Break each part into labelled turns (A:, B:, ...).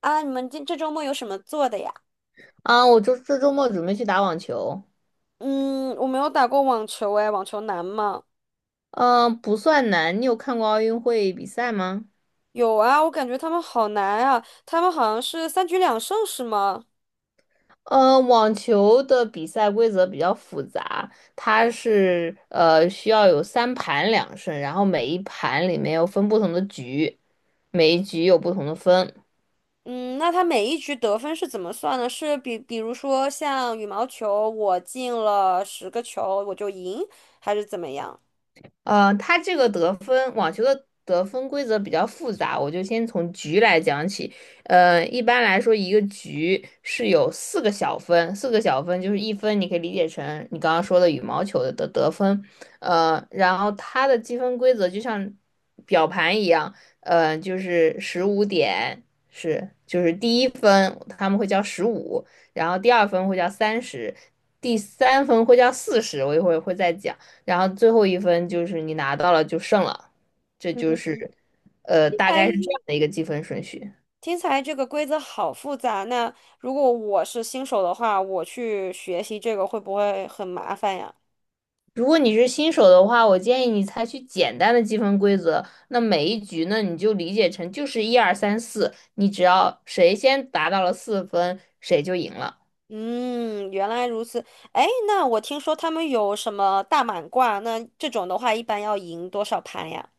A: 啊，你们今这周末有什么做的呀？
B: 啊，我这周末准备去打网球。
A: 嗯，我没有打过网球哎，网球难吗？
B: 嗯，不算难。你有看过奥运会比赛吗？
A: 有啊，我感觉他们好难啊，他们好像是三局两胜是吗？
B: 网球的比赛规则比较复杂，它是需要有三盘两胜，然后每一盘里面又分不同的局，每一局有不同的分。
A: 嗯，那他每一局得分是怎么算的？是比如说像羽毛球，我进了10个球我就赢，还是怎么样？
B: 它这个得分网球的得分规则比较复杂，我就先从局来讲起。一般来说，一个局是有四个小分，四个小分就是一分，你可以理解成你刚刚说的羽毛球的得分。然后它的积分规则就像表盘一样。就是十五点是，就是第一分他们会叫十五，然后第二分会叫30，第三分会叫40，我一会儿会再讲。然后最后一分就是你拿到了就胜了，这
A: 嗯，
B: 就是
A: 起
B: 大
A: 来
B: 概是这样的一个积分顺序。
A: 听起来这个规则好复杂。那如果我是新手的话，我去学习这个会不会很麻烦呀？
B: 如果你是新手的话，我建议你采取简单的积分规则。那每一局呢，你就理解成就是一二三四，你只要谁先达到了四分，谁就赢了。
A: 嗯，原来如此。哎，那我听说他们有什么大满贯，那这种的话一般要赢多少盘呀？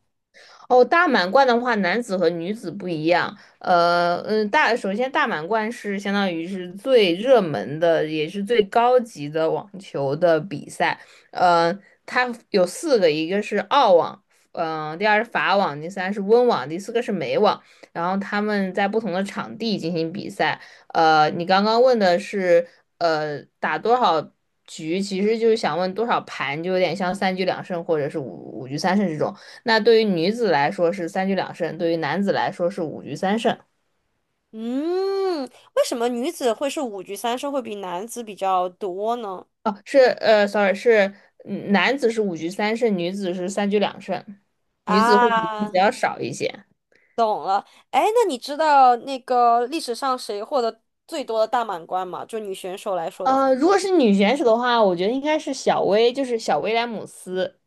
B: 哦，大满贯的话，男子和女子不一样。首先大满贯是相当于是最热门的，也是最高级的网球的比赛。呃，它有四个，一个是澳网，第二是法网，第三是温网，第四个是美网。然后他们在不同的场地进行比赛。你刚刚问的是，打多少局，其实就是想问多少盘，就有点像三局两胜或者是五局三胜这种。那对于女子来说是三局两胜，对于男子来说是五局三胜。
A: 嗯，为什么女子会是五局三胜会比男子比较多呢？
B: 哦，是，sorry，是男子是五局三胜，女子是三局两胜，女子会比男
A: 啊，
B: 子要少一些。
A: 哎，那你知道那个历史上谁获得最多的大满贯吗？就女选手来说的话，
B: 如果是女选手的话，我觉得应该是小威，就是小威廉姆斯。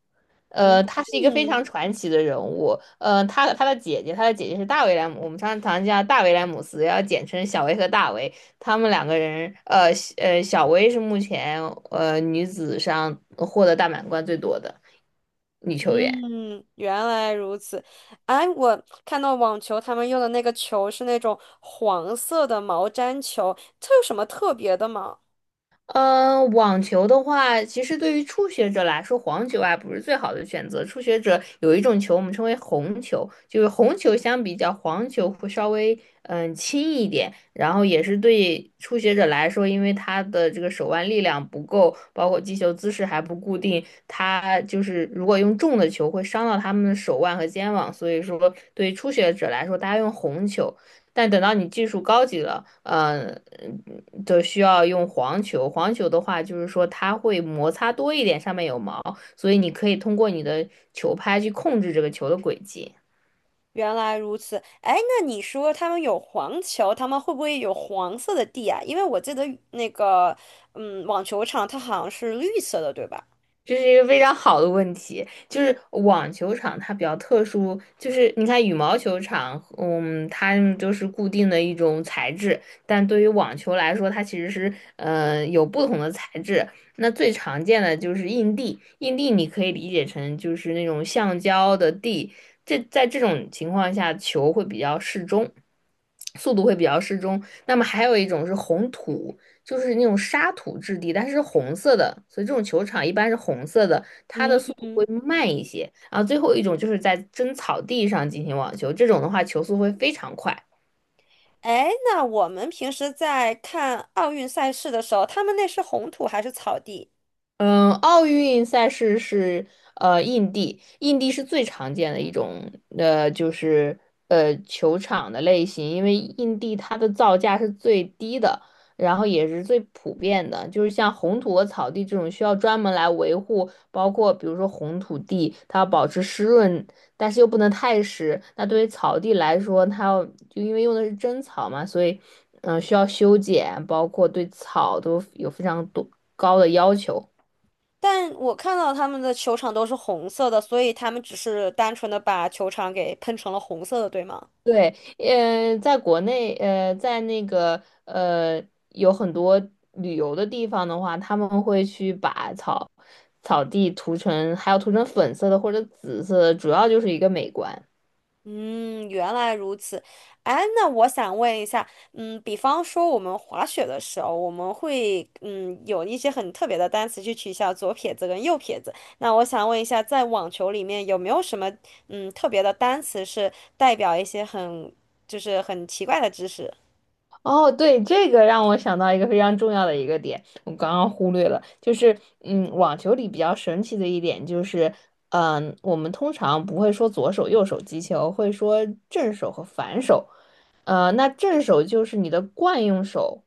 A: 嗯
B: 她是一个非常
A: 嗯
B: 传奇的人物。她的姐姐，她的姐姐是大威廉姆，我们常常叫大威廉姆斯，要简称小威和大威。他们两个人，小威是目前女子上获得大满贯最多的女球员。
A: 嗯，原来如此。哎，我看到网球他们用的那个球是那种黄色的毛毡球，它有什么特别的吗？
B: 嗯，网球的话，其实对于初学者来说，黄球啊不是最好的选择。初学者有一种球，我们称为红球，就是红球相比较黄球会稍微轻一点，然后也是对初学者来说，因为他的这个手腕力量不够，包括击球姿势还不固定，他就是如果用重的球会伤到他们的手腕和肩膀，所以说对于初学者来说，大家用红球。但等到你技术高级了，就需要用黄球。黄球的话，就是说它会摩擦多一点，上面有毛，所以你可以通过你的球拍去控制这个球的轨迹。
A: 原来如此，哎，那你说他们有黄球，他们会不会有黄色的地啊？因为我记得那个，嗯，网球场它好像是绿色的，对吧？
B: 这是一个非常好的问题，就是网球场它比较特殊，就是你看羽毛球场，它们就是固定的一种材质，但对于网球来说，它其实是有不同的材质。那最常见的就是硬地，硬地你可以理解成就是那种橡胶的地，这在这种情况下球会比较适中。速度会比较适中。那么还有一种是红土，就是那种沙土质地，但是是红色的，所以这种球场一般是红色的，它的
A: 嗯
B: 速度会
A: 嗯。
B: 慢一些。然后最后一种就是在真草地上进行网球，这种的话球速会非常快。
A: 哎，那我们平时在看奥运赛事的时候，他们那是红土还是草地？
B: 嗯，奥运赛事是印地，印地是最常见的一种就是球场的类型，因为印地它的造价是最低的，然后也是最普遍的，就是像红土和草地这种需要专门来维护，包括比如说红土地，它要保持湿润，但是又不能太湿。那对于草地来说，它要就因为用的是真草嘛，所以需要修剪，包括对草都有非常多高的要求。
A: 但我看到他们的球场都是红色的，所以他们只是单纯的把球场给喷成了红色的，对吗？
B: 对，在国内，在那个，有很多旅游的地方的话，他们会去把草地涂成，还有涂成粉色的或者紫色的，主要就是一个美观。
A: 嗯，原来如此。哎，那我想问一下，嗯，比方说我们滑雪的时候，我们会嗯有一些很特别的单词去取消左撇子跟右撇子。那我想问一下，在网球里面有没有什么嗯特别的单词是代表一些很就是很奇怪的知识？
B: 哦，对，这个让我想到一个非常重要的一个点，我刚刚忽略了，就是，网球里比较神奇的一点就是，我们通常不会说左手右手击球，会说正手和反手。那正手就是你的惯用手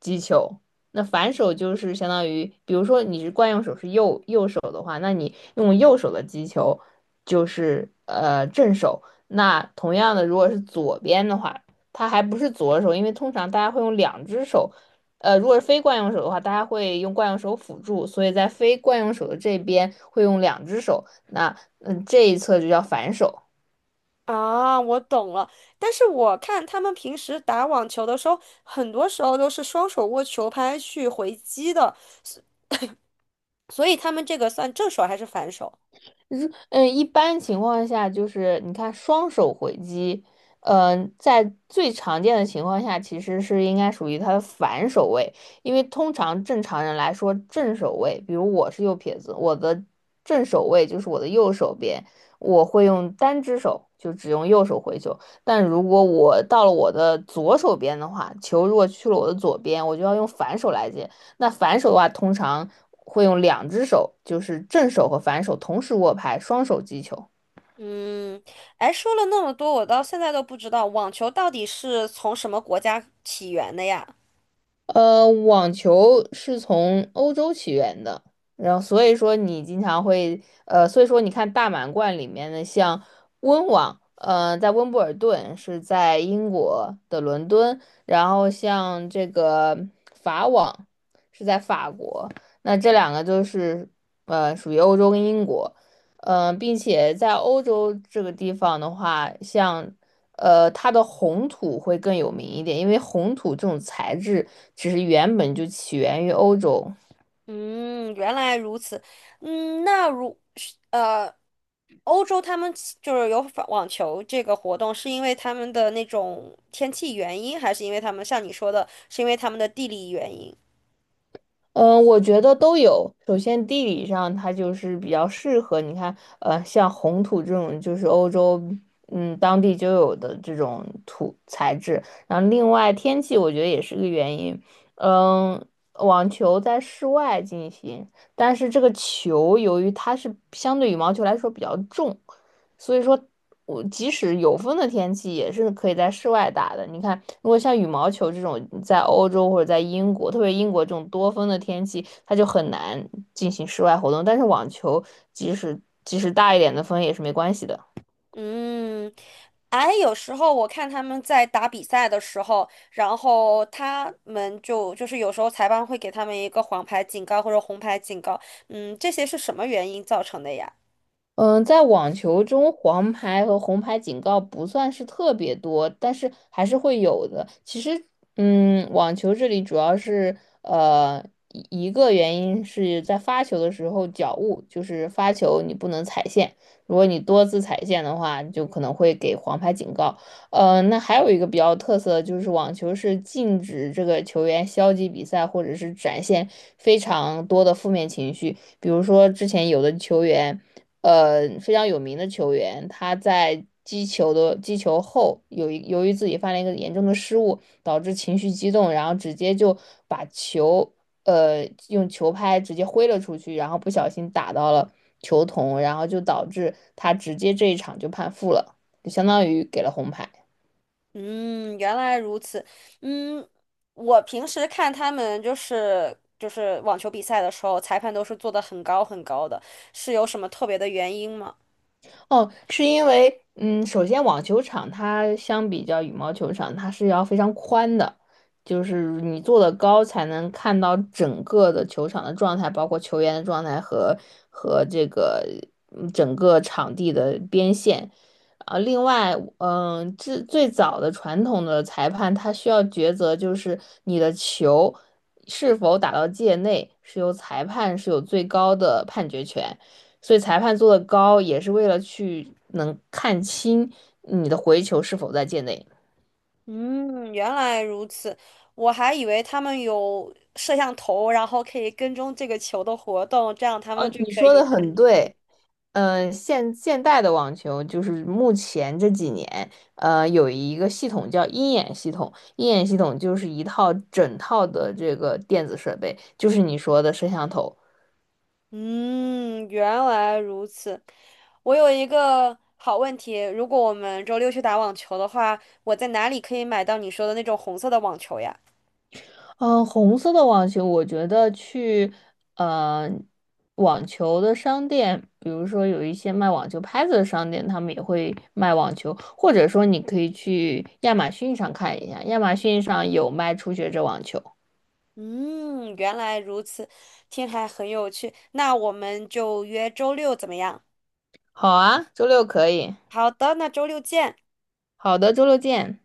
B: 击球，那反手就是相当于，比如说你是惯用手是右手的话，那你用右手的击球就是正手，那同样的，如果是左边的话。它还不是左手，因为通常大家会用两只手。如果是非惯用手的话，大家会用惯用手辅助，所以在非惯用手的这边会用两只手，那这一侧就叫反手。
A: 啊，我懂了。但是我看他们平时打网球的时候，很多时候都是双手握球拍去回击的，所以他们这个算正手还是反手？
B: 如一般情况下就是你看双手回击，在最常见的情况下，其实是应该属于它的反手位，因为通常正常人来说，正手位，比如我是右撇子，我的正手位就是我的右手边，我会用单只手，就只用右手回球。但如果我到了我的左手边的话，球如果去了我的左边，我就要用反手来接。那反手的话，通常会用两只手，就是正手和反手同时握拍，双手击球。
A: 嗯，哎，说了那么多，我到现在都不知道网球到底是从什么国家起源的呀？
B: 网球是从欧洲起源的，然后所以说你经常会，所以说你看大满贯里面的像温网，在温布尔顿是在英国的伦敦，然后像这个法网是在法国，那这两个就是属于欧洲跟英国。并且在欧洲这个地方的话，像它的红土会更有名一点，因为红土这种材质其实原本就起源于欧洲。
A: 嗯，原来如此。嗯，那如是欧洲他们起就是有法网球这个活动，是因为他们的那种天气原因，还是因为他们像你说的，是因为他们的地理原因？
B: 嗯，我觉得都有。首先，地理上它就是比较适合，你看，像红土这种就是欧洲，当地就有的这种土材质。然后，另外天气我觉得也是个原因。嗯，网球在室外进行，但是这个球由于它是相对羽毛球来说比较重。所以说我即使有风的天气也是可以在室外打的。你看，如果像羽毛球这种在欧洲或者在英国，特别英国这种多风的天气，它就很难进行室外活动。但是网球即使大一点的风也是没关系的。
A: 嗯，哎，有时候我看他们在打比赛的时候，然后他们就是有时候裁判会给他们一个黄牌警告或者红牌警告，嗯，这些是什么原因造成的呀？
B: 嗯，在网球中，黄牌和红牌警告不算是特别多，但是还是会有的。其实，网球这里主要是呃一个原因是在发球的时候脚误，就是发球你不能踩线，如果你多次踩线的话，就可能会给黄牌警告。那还有一个比较特色的就是网球是禁止这个球员消极比赛或者是展现非常多的负面情绪，比如说之前有的球员。非常有名的球员，他在击球后，由于自己犯了一个严重的失误，导致情绪激动，然后直接就把球用球拍直接挥了出去，然后不小心打到了球童，然后就导致他直接这一场就判负了，就相当于给了红牌。
A: 嗯，原来如此。嗯，我平时看他们就是网球比赛的时候，裁判都是做的很高很高的，是有什么特别的原因吗？
B: 哦，是因为，首先网球场它相比较羽毛球场，它是要非常宽的，就是你坐的高才能看到整个的球场的状态，包括球员的状态和这个整个场地的边线。啊，另外，这最早的传统的裁判他需要抉择，就是你的球是否打到界内，是由裁判是有最高的判决权。所以裁判做的高也是为了去能看清你的回球是否在界内。
A: 嗯，原来如此，我还以为他们有摄像头，然后可以跟踪这个球的活动，这样他们
B: 哦，
A: 就
B: 你
A: 可
B: 说
A: 以。
B: 的很对。现代的网球就是目前这几年，有一个系统叫鹰眼系统。鹰眼系统就是一套整套的这个电子设备，就是你说的摄像头。
A: 嗯，原来如此。我有一个好问题，如果我们周六去打网球的话，我在哪里可以买到你说的那种红色的网球呀？
B: 嗯，红色的网球，我觉得去呃网球的商店，比如说有一些卖网球拍子的商店，他们也会卖网球，或者说你可以去亚马逊上看一下，亚马逊上有卖初学者网球。
A: 嗯，原来如此，听还很有趣。那我们就约周六怎么样？
B: 好啊，周六可以。
A: 好的，那周六见。
B: 好的，周六见。